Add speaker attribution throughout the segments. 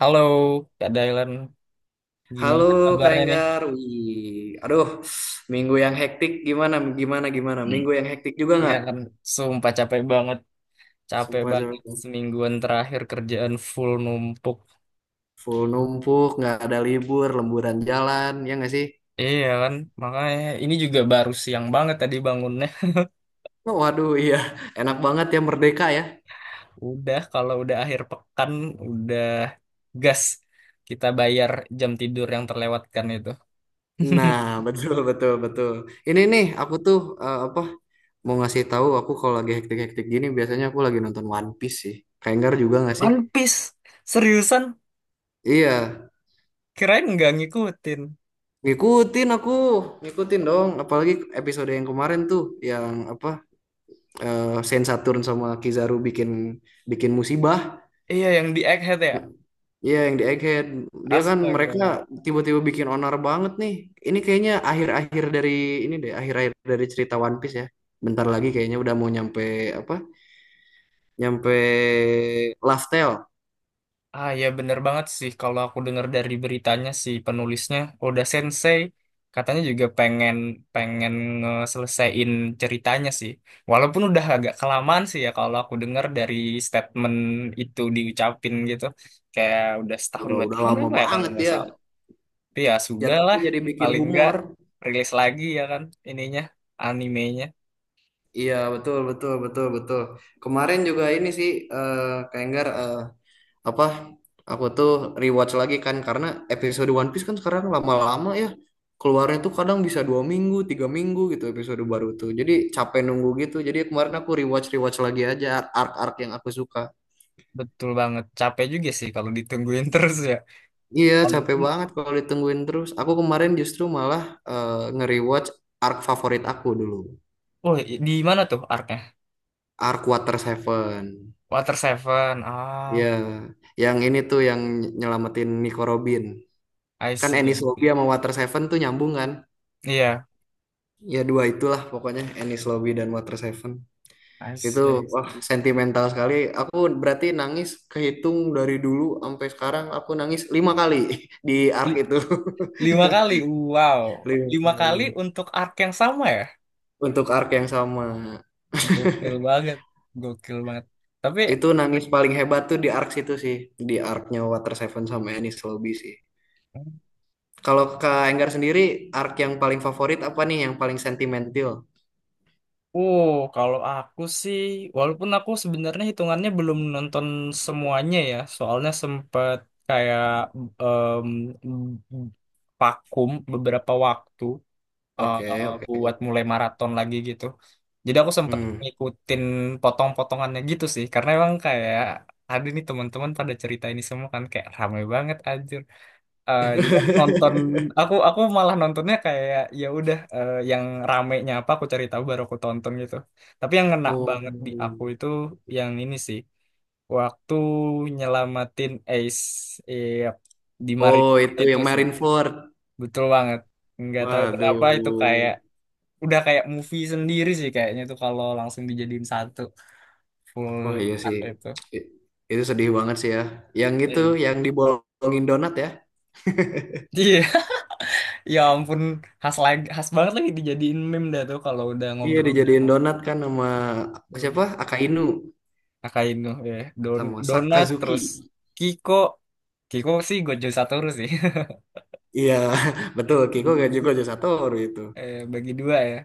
Speaker 1: Halo, Kak Dailan.
Speaker 2: Halo
Speaker 1: Gimana
Speaker 2: Kak
Speaker 1: kabarnya nih?
Speaker 2: Enggar, wih, aduh, minggu yang hektik gimana,
Speaker 1: Hmm.
Speaker 2: minggu yang hektik juga
Speaker 1: Iya
Speaker 2: nggak?
Speaker 1: kan, sumpah capek banget. Capek
Speaker 2: Sumpah,
Speaker 1: banget
Speaker 2: sumpah.
Speaker 1: semingguan terakhir kerjaan full numpuk.
Speaker 2: Full numpuk, nggak ada libur, lemburan jalan, ya nggak sih?
Speaker 1: Iya kan, makanya ini juga baru siang banget tadi bangunnya.
Speaker 2: Oh, waduh, iya, enak banget ya merdeka ya.
Speaker 1: Udah, kalau udah akhir pekan, udah gas. Kita bayar jam tidur yang terlewatkan itu.
Speaker 2: Nah, betul, betul, betul. Ini nih, aku tuh eh, apa mau ngasih tahu aku kalau lagi hektik-hektik gini biasanya aku lagi nonton One Piece sih. Kak Enggar juga nggak sih?
Speaker 1: One Piece, seriusan?
Speaker 2: Iya,
Speaker 1: Kirain nggak ngikutin.
Speaker 2: ngikutin aku, ngikutin dong. Apalagi episode yang kemarin tuh, yang apa eh Saint Saturn sama Kizaru bikin bikin musibah.
Speaker 1: Iya, yang di Egghead ya?
Speaker 2: Iya yang di Egghead. Dia kan mereka
Speaker 1: Astaga.
Speaker 2: tiba-tiba bikin onar banget nih. Ini kayaknya akhir-akhir dari ini deh, akhir-akhir dari cerita One Piece ya. Bentar lagi kayaknya udah mau nyampe apa? Nyampe Laugh Tale.
Speaker 1: Ah ya bener banget sih kalau aku dengar dari beritanya si penulisnya Oda Sensei katanya juga pengen pengen ngeselesaiin ceritanya sih. Walaupun udah agak kelamaan sih ya kalau aku dengar dari statement itu diucapin gitu. Kayak udah setahun
Speaker 2: Ya,
Speaker 1: dua
Speaker 2: udah
Speaker 1: tahun
Speaker 2: lama
Speaker 1: apa ya kalau
Speaker 2: banget
Speaker 1: nggak
Speaker 2: dia.
Speaker 1: salah. Tapi ya
Speaker 2: Ya
Speaker 1: sudah
Speaker 2: tapi
Speaker 1: lah
Speaker 2: jadi bikin
Speaker 1: paling nggak
Speaker 2: humor.
Speaker 1: rilis lagi ya kan ininya animenya.
Speaker 2: Iya betul betul betul betul. Kemarin juga ini sih eh Kak Enggar, eh, apa aku tuh rewatch lagi kan karena episode One Piece kan sekarang lama-lama ya keluarnya tuh kadang bisa dua minggu tiga minggu gitu episode baru tuh. Jadi capek nunggu gitu. Jadi kemarin aku rewatch rewatch lagi aja arc-arc yang aku suka.
Speaker 1: Betul banget, capek juga sih kalau ditungguin terus ya.
Speaker 2: Iya capek
Speaker 1: Walaupun,
Speaker 2: banget kalau ditungguin terus. Aku kemarin justru malah nge-rewatch arc favorit aku dulu.
Speaker 1: oh, di mana tuh arc
Speaker 2: Arc Water Seven.
Speaker 1: Water Seven.
Speaker 2: Iya,
Speaker 1: Ah,
Speaker 2: yang ini tuh yang nyelamatin Nico Robin.
Speaker 1: I
Speaker 2: Kan
Speaker 1: see.
Speaker 2: Ennis
Speaker 1: I
Speaker 2: Lobby
Speaker 1: see.
Speaker 2: sama Water Seven tuh nyambung kan?
Speaker 1: Iya,
Speaker 2: Ya dua itulah pokoknya Ennis Lobby dan Water Seven.
Speaker 1: I
Speaker 2: Itu
Speaker 1: see. I
Speaker 2: wah
Speaker 1: see.
Speaker 2: sentimental sekali. Aku berarti nangis kehitung dari dulu sampai sekarang aku nangis lima kali di arc
Speaker 1: Li-
Speaker 2: itu.
Speaker 1: 5 kali. Wow.
Speaker 2: Lima
Speaker 1: 5 kali
Speaker 2: kali.
Speaker 1: untuk arc yang sama ya?
Speaker 2: Untuk arc yang sama.
Speaker 1: Gokil banget. Gokil banget. Tapi,
Speaker 2: Itu nangis paling hebat tuh di arc situ sih. Di arc-nya Water Seven sama Ennis Lobby sih. Kalau Kak Enggar sendiri, arc yang paling favorit apa nih? Yang paling sentimental?
Speaker 1: uh, kalau aku sih, walaupun aku sebenarnya hitungannya belum nonton semuanya ya, soalnya sempet kayak em, vakum beberapa waktu.
Speaker 2: Oke, oke.
Speaker 1: Buat mulai maraton lagi gitu. Jadi aku sempet
Speaker 2: Hmm.
Speaker 1: ngikutin potong-potongannya gitu sih, karena emang kayak ada nih teman-teman pada cerita ini semua kan kayak ramai banget anjir. Jadi aku nonton, aku malah nontonnya kayak ya udah, yang ramenya apa aku cari tahu baru aku tonton gitu. Tapi yang ngena
Speaker 2: Oh,
Speaker 1: banget di aku itu yang ini sih waktu nyelamatin Ace, eh, di
Speaker 2: oh
Speaker 1: Marineford
Speaker 2: itu
Speaker 1: itu
Speaker 2: yang
Speaker 1: sih
Speaker 2: Marineford.
Speaker 1: betul banget. Nggak tahu kenapa itu
Speaker 2: Waduh.
Speaker 1: kayak udah kayak movie sendiri sih kayaknya tuh kalau langsung dijadiin satu full
Speaker 2: Wah iya sih.
Speaker 1: art itu.
Speaker 2: I- Itu sedih banget sih ya. Yang itu,
Speaker 1: Iya.
Speaker 2: yang dibolongin donat ya.
Speaker 1: Iya, ya ampun, khas lagi, khas banget lagi dijadiin meme dah tuh kalau udah
Speaker 2: Iya
Speaker 1: ngobrol.
Speaker 2: dijadiin donat kan sama
Speaker 1: Don
Speaker 2: siapa? Akainu
Speaker 1: Akainu ya. Don
Speaker 2: sama
Speaker 1: Donat terus.
Speaker 2: Sakazuki.
Speaker 1: Kiko Kiko sih Gojo Satoru sih.
Speaker 2: Iya, betul. Kiko gak
Speaker 1: Bijutsu,
Speaker 2: juga Satoru itu.
Speaker 1: bagi dua ya.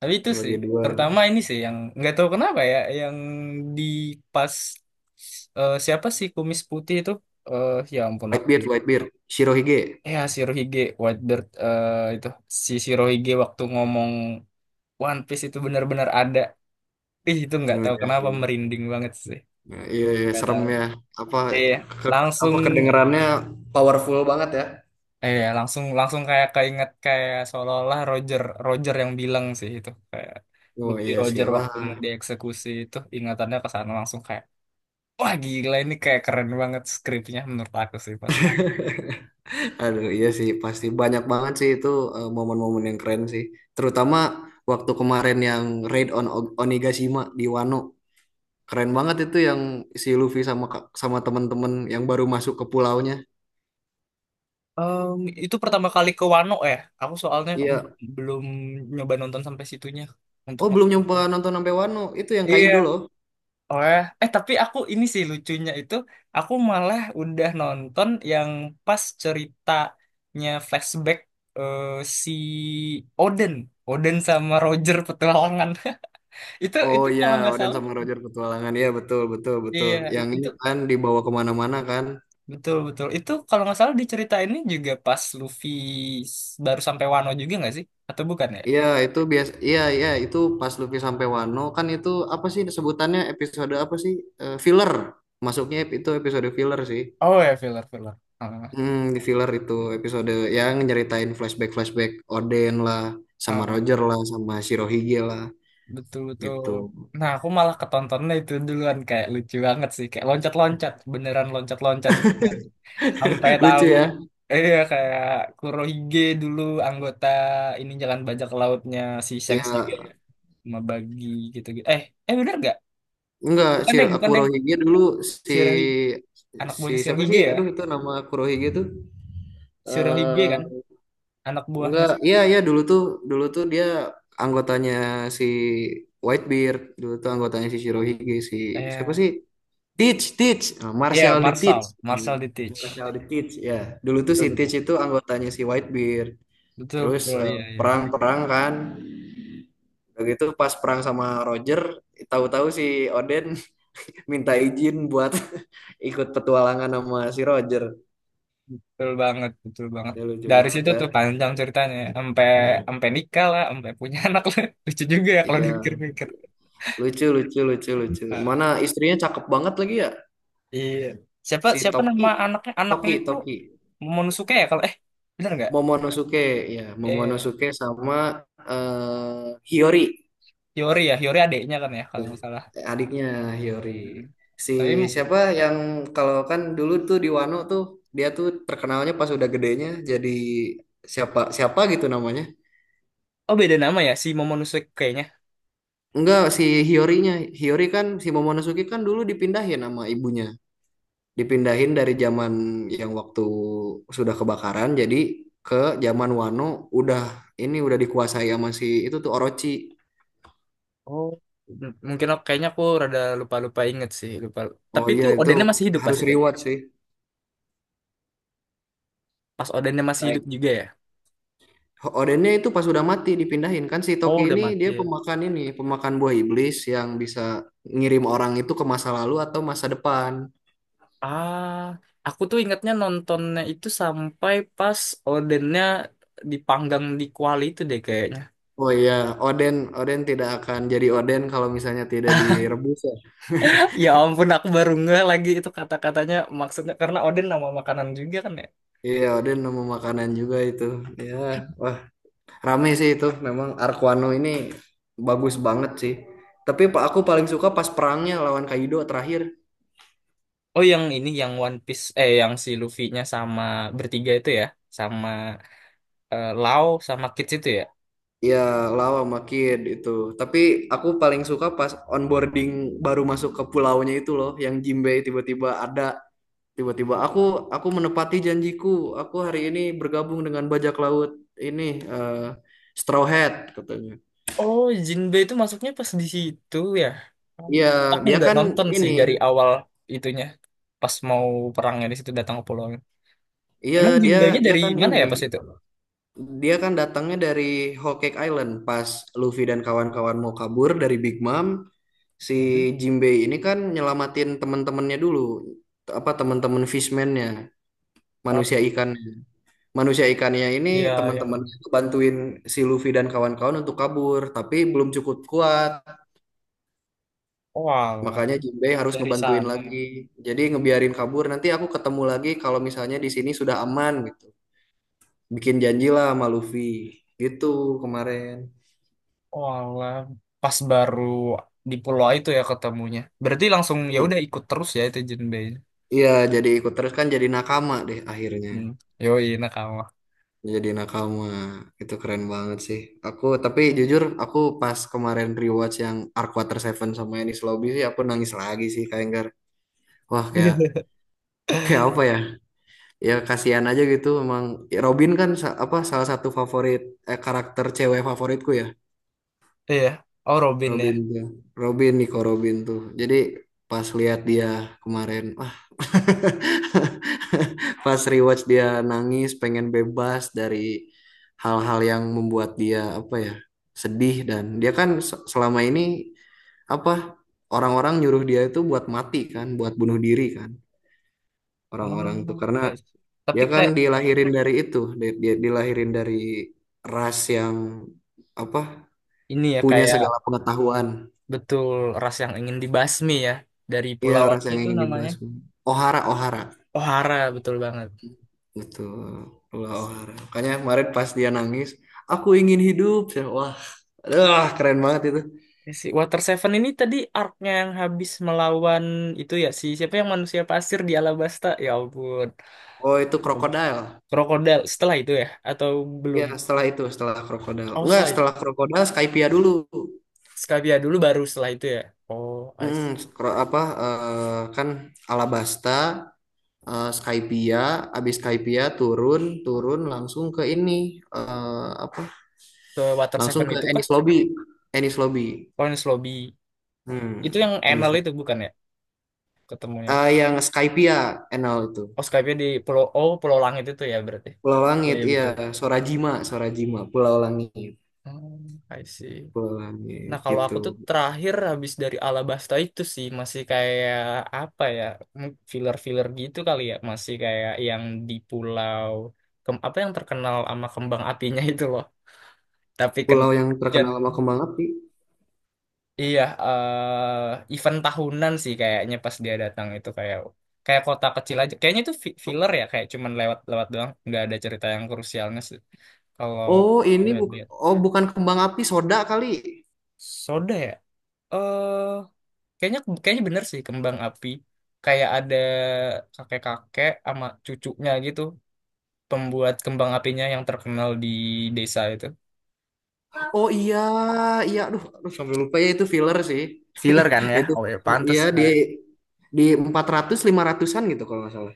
Speaker 1: Tapi itu sih
Speaker 2: Bagi dua.
Speaker 1: terutama ini sih yang nggak tahu kenapa ya, yang di pas, siapa sih kumis putih itu, ya ampun aku.
Speaker 2: Whitebeard, Whitebeard. Shirohige.
Speaker 1: Ya, Shirohige, White Bird, itu si Shirohige waktu ngomong One Piece itu benar-benar ada. Ih, itu nggak
Speaker 2: Oh,
Speaker 1: tahu
Speaker 2: iya
Speaker 1: kenapa
Speaker 2: sih.
Speaker 1: merinding banget sih.
Speaker 2: Ya, iya, iya,
Speaker 1: Nggak
Speaker 2: serem
Speaker 1: tahu.
Speaker 2: ya. Apa
Speaker 1: Iya,
Speaker 2: ke-
Speaker 1: langsung,
Speaker 2: apa kedengerannya powerful banget ya?
Speaker 1: langsung langsung kayak keinget, kayak seolah-olah Roger Roger yang bilang sih itu, kayak gue
Speaker 2: Oh
Speaker 1: di
Speaker 2: iya sih,
Speaker 1: Roger
Speaker 2: wah,
Speaker 1: waktu mau dieksekusi itu ingatannya ke sana langsung kayak wah gila, ini kayak keren banget skripnya menurut aku sih pasti.
Speaker 2: aduh iya sih, pasti banyak banget sih itu momen-momen yang keren sih. Terutama waktu kemarin yang raid on O- Onigashima di Wano, keren banget itu yang si Luffy sama ka- sama teman-teman yang baru masuk ke pulaunya.
Speaker 1: Em, itu pertama kali ke Wano ya. Aku soalnya
Speaker 2: Iya,
Speaker 1: belum nyoba nonton sampai situnya untuk
Speaker 2: oh belum nyoba
Speaker 1: nonton.
Speaker 2: nonton sampai Wano, itu yang Kaido
Speaker 1: Iya.
Speaker 2: loh.
Speaker 1: Oh ya. Tapi aku ini sih lucunya itu aku malah udah nonton yang pas ceritanya flashback, eh, si Oden, Oden sama Roger petualangan. Itu
Speaker 2: Oh
Speaker 1: itu
Speaker 2: iya,
Speaker 1: kalau nggak
Speaker 2: Oden
Speaker 1: salah,
Speaker 2: sama Roger petualangan, iya betul betul betul.
Speaker 1: iya
Speaker 2: Yang ini
Speaker 1: itu
Speaker 2: kan dibawa kemana-mana kan?
Speaker 1: betul betul. Itu kalau nggak salah di cerita ini juga pas Luffy baru sampai Wano juga nggak sih? Atau bukan ya?
Speaker 2: Iya, itu biasa. Iya, iya, itu pas Luffy sampai Wano kan itu apa sih sebutannya episode apa sih? Eh, filler. Masuknya ep- itu episode filler sih.
Speaker 1: Oh ya, filler filler. Ah,
Speaker 2: Hmm, di filler itu
Speaker 1: iya.
Speaker 2: episode yang nyeritain flashback-flashback Oden lah, sama
Speaker 1: Ah,
Speaker 2: Roger lah, sama Shirohige lah
Speaker 1: betul betul.
Speaker 2: gitu.
Speaker 1: Nah, aku malah ketontonnya itu duluan kayak lucu banget sih, kayak loncat loncat beneran loncat loncat sampai
Speaker 2: Lucu
Speaker 1: tahu
Speaker 2: ya?
Speaker 1: iya, kayak Kurohige dulu anggota ini jalan bajak lautnya si Shanks juga
Speaker 2: Ya,
Speaker 1: ya, sama Bagi gitu gitu. Bener gak?
Speaker 2: enggak
Speaker 1: Bukan
Speaker 2: si
Speaker 1: deng, bukan deng.
Speaker 2: Kurohige dulu si
Speaker 1: Shirohige anak
Speaker 2: si
Speaker 1: buahnya
Speaker 2: siapa sih?
Speaker 1: Shirohige ya.
Speaker 2: Aduh, itu nama Kurohige tuh.
Speaker 1: Shirohige kan
Speaker 2: Eh
Speaker 1: anak buahnya
Speaker 2: enggak, iya
Speaker 1: Shirohige.
Speaker 2: iya dulu tuh dia anggotanya si Whitebeard, dulu tuh anggotanya si Shirohige si siapa
Speaker 1: Eh,
Speaker 2: sih? Teach, Teach, nah,
Speaker 1: Iya, iya,
Speaker 2: Marshall di
Speaker 1: Marshall,
Speaker 2: Teach. Hmm.
Speaker 1: Marshall di Teach.
Speaker 2: Marshall di Teach ya. Dulu tuh si
Speaker 1: Betul betul.
Speaker 2: Teach itu anggotanya si Whitebeard.
Speaker 1: Betul
Speaker 2: Terus
Speaker 1: betul, iya iya.
Speaker 2: perang-perang kan. Udah gitu pas perang sama Roger, tahu-tahu si Oden minta izin buat ikut petualangan sama si Roger.
Speaker 1: Betul banget, betul banget.
Speaker 2: Ya lucu
Speaker 1: Dari
Speaker 2: banget
Speaker 1: situ
Speaker 2: ya.
Speaker 1: tuh panjang ceritanya, sampai, nikah lah, sampai punya anak lah. Lucu juga ya kalau
Speaker 2: Iya,
Speaker 1: dipikir-pikir.
Speaker 2: lucu lucu lucu lucu.
Speaker 1: Ah,
Speaker 2: Mana istrinya cakep banget lagi ya?
Speaker 1: iya. Siapa
Speaker 2: Si
Speaker 1: siapa
Speaker 2: Toki,
Speaker 1: nama anaknya? Anaknya
Speaker 2: Toki,
Speaker 1: itu
Speaker 2: Toki,
Speaker 1: Momonosuke ya, kalau bener nggak?
Speaker 2: Momonosuke, ya,
Speaker 1: Eh
Speaker 2: Momonosuke sama Hiyori,
Speaker 1: Yori ya, Yori adiknya kan ya kalau
Speaker 2: tuh,
Speaker 1: nggak salah.
Speaker 2: adiknya Hiyori.
Speaker 1: Hmm.
Speaker 2: Si
Speaker 1: Tapi,
Speaker 2: siapa yang kalau kan dulu tuh di Wano tuh dia tuh terkenalnya pas udah gedenya jadi siapa siapa gitu namanya.
Speaker 1: oh, beda nama ya si Momonosuke kayaknya.
Speaker 2: Enggak, si Hiyorinya, Hiyori kan si Momonosuke kan dulu dipindahin sama ibunya dipindahin dari zaman yang waktu sudah kebakaran jadi ke zaman Wano udah ini udah dikuasai sama si itu tuh Orochi.
Speaker 1: Oh. Mungkin kayaknya aku rada lupa-lupa inget sih, lupa. Tapi
Speaker 2: Oh
Speaker 1: itu
Speaker 2: iya itu
Speaker 1: Odennya masih hidup pas
Speaker 2: harus
Speaker 1: itu.
Speaker 2: reward sih.
Speaker 1: Pas Odennya masih
Speaker 2: Kayak
Speaker 1: hidup juga ya.
Speaker 2: Odennya itu pas udah mati dipindahin kan si
Speaker 1: Oh,
Speaker 2: Toki
Speaker 1: udah
Speaker 2: ini dia
Speaker 1: mati.
Speaker 2: pemakan ini pemakan buah iblis yang bisa ngirim orang itu ke masa lalu atau masa depan.
Speaker 1: Ah, aku tuh ingatnya nontonnya itu sampai pas odennya dipanggang di kuali itu deh kayaknya.
Speaker 2: Oh iya, Oden Oden tidak akan jadi Oden kalau misalnya tidak direbus ya.
Speaker 1: Ya ampun, aku baru ngeh lagi itu kata-katanya, maksudnya karena oden nama makanan juga kan ya.
Speaker 2: Iya, Oden nama makanan juga itu. Ya, wah rame sih itu memang Arkwano ini bagus banget sih. Tapi pa- aku paling suka pas perangnya lawan Kaido terakhir.
Speaker 1: Oh, yang ini yang One Piece, yang si Luffy-nya sama bertiga itu ya, sama Lau sama Kids itu ya.
Speaker 2: Ya lawan sama Kid itu. Tapi aku paling suka pas onboarding baru masuk ke pulaunya itu loh, yang Jinbe tiba-tiba ada. Tiba-tiba aku menepati janjiku. Aku hari ini bergabung dengan bajak laut ini eh, Straw Hat katanya.
Speaker 1: Oh, Jinbe itu masuknya pas di situ ya. Oh.
Speaker 2: Iya,
Speaker 1: Aku
Speaker 2: dia
Speaker 1: nggak
Speaker 2: kan
Speaker 1: nonton
Speaker 2: ini.
Speaker 1: sih dari awal itunya pas mau perangnya di situ datang ke pulau.
Speaker 2: Iya,
Speaker 1: Emang
Speaker 2: dia
Speaker 1: Jinbei-nya
Speaker 2: dia
Speaker 1: dari
Speaker 2: kan
Speaker 1: mana
Speaker 2: ini.
Speaker 1: ya pas itu?
Speaker 2: Dia kan datangnya dari Whole Cake Island pas Luffy dan kawan-kawan mau kabur dari Big Mom, si
Speaker 1: Mm-mm.
Speaker 2: Jinbei ini kan nyelamatin teman-temannya dulu, T- apa teman-teman fishman-nya, manusia
Speaker 1: Oh,
Speaker 2: ikannya. Manusia ikannya ini
Speaker 1: iya, yang
Speaker 2: teman-teman bantuin si Luffy dan kawan-kawan untuk kabur, tapi belum cukup kuat.
Speaker 1: walah
Speaker 2: Makanya Jinbei harus
Speaker 1: dari
Speaker 2: ngebantuin
Speaker 1: sana ya.
Speaker 2: lagi. Jadi ngebiarin kabur, nanti aku ketemu lagi kalau misalnya di sini sudah aman gitu. Bikin janji lah sama Luffy. Gitu kemarin.
Speaker 1: Walah, pas baru di pulau itu ya ketemunya. Berarti langsung ya udah ikut terus ya itu Jinbei.
Speaker 2: Iya, jadi ikut terus kan jadi nakama deh akhirnya.
Speaker 1: Hmm. Yoi nakama.
Speaker 2: Jadi nakama. Itu keren banget sih. Aku tapi jujur aku pas kemarin rewatch yang Arc Water Seven sama Enies Lobby sih aku nangis lagi sih kayak enggak. Wah, kayak kayak apa ya? Ya kasihan aja gitu memang Robin kan sa- apa salah satu favorit karakter cewek favoritku ya.
Speaker 1: Iya, oh Robin ya.
Speaker 2: Robin ya. Robin Nico Robin tuh. Jadi pas lihat dia kemarin, pas rewatch dia nangis, pengen bebas dari hal-hal yang membuat dia apa ya sedih dan dia kan se- selama ini apa orang-orang nyuruh dia itu buat mati kan, buat bunuh diri kan orang-orang tuh
Speaker 1: Oh,
Speaker 2: karena
Speaker 1: I see. Tapi
Speaker 2: dia kan
Speaker 1: kayak
Speaker 2: dilahirin dari itu, dia, dia dilahirin dari ras yang apa
Speaker 1: ini ya,
Speaker 2: punya
Speaker 1: kayak
Speaker 2: segala pengetahuan.
Speaker 1: betul, ras yang ingin dibasmi ya dari
Speaker 2: Iya,
Speaker 1: pulau
Speaker 2: ras
Speaker 1: apa
Speaker 2: yang
Speaker 1: itu
Speaker 2: ingin
Speaker 1: namanya?
Speaker 2: dibahas. Ohara, Ohara.
Speaker 1: Ohara betul banget.
Speaker 2: Betul, olahraga. Makanya kemarin pas dia nangis, aku ingin hidup. Saya, wah, aduh, keren banget itu.
Speaker 1: Ya, si Water Seven ini tadi arc-nya yang habis melawan itu ya si siapa yang manusia pasir di Alabasta. Ya ampun.
Speaker 2: Oh, itu
Speaker 1: Allah.
Speaker 2: krokodil.
Speaker 1: Krokodil setelah itu ya atau
Speaker 2: Iya,
Speaker 1: belum?
Speaker 2: setelah itu, setelah krokodil.
Speaker 1: Oh,
Speaker 2: Enggak,
Speaker 1: setelah itu.
Speaker 2: setelah krokodil Skypia dulu.
Speaker 1: Skavia dulu baru setelah itu ya. Oh, I
Speaker 2: Hmm,
Speaker 1: see.
Speaker 2: kro- apa eh, kan Alabasta, Skypia, abis Skypia turun, turun langsung ke ini eh, apa?
Speaker 1: Ke Water
Speaker 2: Langsung
Speaker 1: Seven
Speaker 2: ke
Speaker 1: itu kah?
Speaker 2: Ennis Lobby, Ennis Lobby.
Speaker 1: Orange Lobby. Itu yang
Speaker 2: Hmm,
Speaker 1: Enel
Speaker 2: Ennis Lobby.
Speaker 1: itu bukan ya ketemunya.
Speaker 2: Eh, yang Skypia, NL itu.
Speaker 1: Oh, Skavia di Pulau, oh, Pulau Langit itu ya berarti.
Speaker 2: Pulau
Speaker 1: Iya,
Speaker 2: Langit,
Speaker 1: iya
Speaker 2: iya.
Speaker 1: betul.
Speaker 2: Sorajima, Sorajima, Pulau Langit,
Speaker 1: Hmm, I see.
Speaker 2: Pulau
Speaker 1: Nah,
Speaker 2: Langit
Speaker 1: kalau
Speaker 2: gitu.
Speaker 1: aku tuh terakhir habis dari Alabasta itu sih masih kayak apa ya, filler-filler gitu kali ya, masih kayak yang di pulau apa yang terkenal sama kembang apinya itu loh. Tapi kena
Speaker 2: Pulau yang
Speaker 1: dan
Speaker 2: terkenal sama kembang api.
Speaker 1: iya, event tahunan sih kayaknya pas dia datang itu, kayak kayak kota kecil aja. Kayaknya itu filler ya, kayak cuman lewat-lewat doang, nggak ada cerita yang krusialnya sih. Kalau
Speaker 2: Oh, ini bu
Speaker 1: lihat-lihat.
Speaker 2: oh bukan kembang api, soda kali.
Speaker 1: Soda ya? Eh kayaknya kayaknya bener sih, kembang api, kayak ada kakek-kakek sama cucunya gitu, pembuat kembang apinya yang terkenal di desa itu.
Speaker 2: Oh iya, iya. Aduh, aduh sampai lupa ya itu filler sih.
Speaker 1: Filler kan ya?
Speaker 2: Itu
Speaker 1: Oh ya, pantes
Speaker 2: iya di
Speaker 1: kan.
Speaker 2: di 400 500-an gitu kalau nggak salah.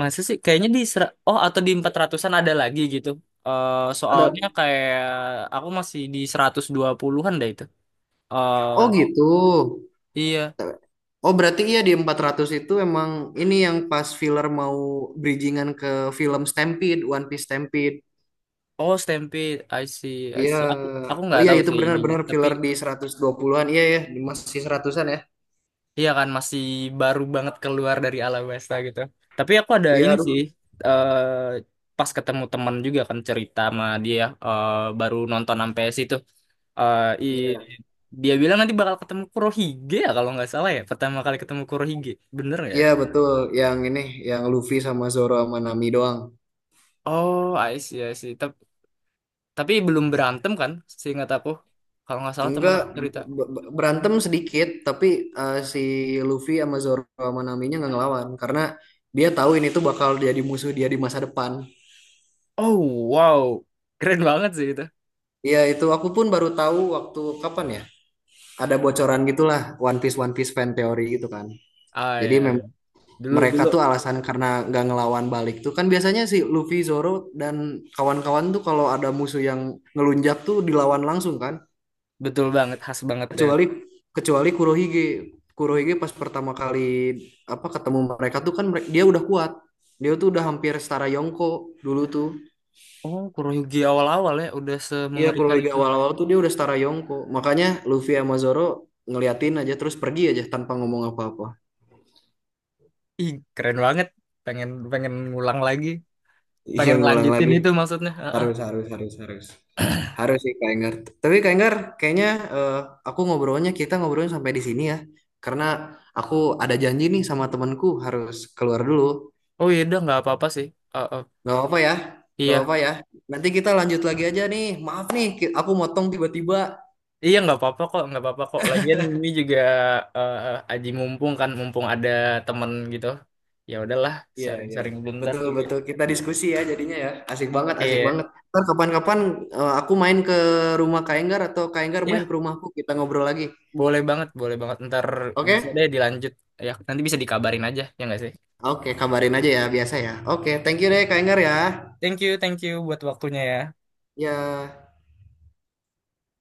Speaker 1: Masa sih kayaknya di oh, atau di 400-an ada lagi gitu.
Speaker 2: Ada
Speaker 1: Soalnya kayak aku masih di 120-an deh itu. Eh,
Speaker 2: oh gitu.
Speaker 1: iya,
Speaker 2: Oh berarti iya di 400 itu emang ini yang pas filler mau bridgingan ke film Stampede, One Piece Stampede.
Speaker 1: oh Stampede. I see. I
Speaker 2: Iya,
Speaker 1: see, aku
Speaker 2: oh
Speaker 1: nggak
Speaker 2: iya
Speaker 1: tahu
Speaker 2: itu
Speaker 1: sih ininya,
Speaker 2: benar-benar
Speaker 1: tapi.
Speaker 2: filler di 120-an. Iya ya, di masih seratusan an ya.
Speaker 1: Iya kan masih baru banget keluar dari Alabasta gitu. Tapi aku ada
Speaker 2: Iya,
Speaker 1: ini sih,
Speaker 2: aduh.
Speaker 1: eh pas ketemu teman juga kan cerita sama dia, baru nonton sampai situ. Eh, i-
Speaker 2: Iya.
Speaker 1: Dia bilang nanti bakal ketemu Kurohige ya kalau nggak salah ya. Pertama kali ketemu Kurohige. Bener nggak ya?
Speaker 2: Iya, betul. Yang ini yang Luffy sama Zoro sama Nami doang.
Speaker 1: Oh, I see, I see. Tapi, belum berantem kan seingat aku. Kalau nggak salah teman
Speaker 2: Enggak
Speaker 1: aku cerita.
Speaker 2: b- b- berantem sedikit, tapi si Luffy sama Zoro sama Naminya nggak ngelawan karena dia tahu ini tuh bakal jadi musuh dia di masa depan.
Speaker 1: Oh, wow. Keren banget sih itu.
Speaker 2: Iya, itu aku pun baru tahu waktu kapan ya? Ada bocoran gitulah One Piece fan theory gitu kan.
Speaker 1: Ah,
Speaker 2: Jadi
Speaker 1: iya, iya. Dulu
Speaker 2: mereka
Speaker 1: dulu,
Speaker 2: tuh alasan karena nggak ngelawan balik tuh kan biasanya si Luffy, Zoro dan kawan-kawan tuh kalau ada musuh yang ngelunjak tuh dilawan langsung kan
Speaker 1: betul banget, khas banget deh.
Speaker 2: kecuali kecuali Kurohige. Kurohige pas pertama kali apa ketemu mereka tuh kan mereka, dia udah kuat dia tuh udah hampir setara Yonko dulu tuh
Speaker 1: Oh, Kuroyugi awal-awal ya udah
Speaker 2: iya
Speaker 1: semengerikan
Speaker 2: Kurohige
Speaker 1: itu.
Speaker 2: awal-awal tuh dia udah setara Yonko makanya Luffy sama Zoro ngeliatin aja terus pergi aja tanpa ngomong apa-apa
Speaker 1: Ih, keren banget. Pengen pengen ngulang lagi,
Speaker 2: iya
Speaker 1: pengen
Speaker 2: ngulang
Speaker 1: lanjutin
Speaker 2: lagi
Speaker 1: itu maksudnya. Heeh.
Speaker 2: harus harus harus harus. Harus sih Kak Enggar. Tapi Kak Enggar, kayaknya eh, aku ngobrolnya kita ngobrolnya sampai di sini ya. Karena aku ada janji nih sama temanku harus keluar dulu.
Speaker 1: Oh iya, udah nggak apa-apa sih. Heeh.
Speaker 2: Gak apa-apa ya, gak
Speaker 1: Iya,
Speaker 2: apa-apa ya. Nanti kita lanjut lagi aja nih. Maaf nih, ki- aku motong tiba-tiba.
Speaker 1: iya nggak apa-apa kok, nggak apa-apa kok. Lagian ini juga, eh, aji mumpung kan, mumpung ada temen gitu. Ya udahlah,
Speaker 2: Iya, iya.
Speaker 1: sharing-sharing bentar
Speaker 2: Betul,
Speaker 1: juga.
Speaker 2: betul. Kita diskusi ya jadinya ya. Asik banget, asik
Speaker 1: Iya,
Speaker 2: banget. Ntar kapan-kapan aku main ke rumah Kak Enggar atau Kak Enggar main
Speaker 1: iya,
Speaker 2: ke rumahku, kita ngobrol lagi.
Speaker 1: boleh banget, boleh banget. Ntar bisa
Speaker 2: Oke?
Speaker 1: deh dilanjut. Ya, nanti bisa dikabarin aja, ya nggak sih?
Speaker 2: Oke, kabarin aja ya, biasa ya. Oke, thank you deh Kak Enggar ya.
Speaker 1: Thank you buat waktunya ya.
Speaker 2: Ya.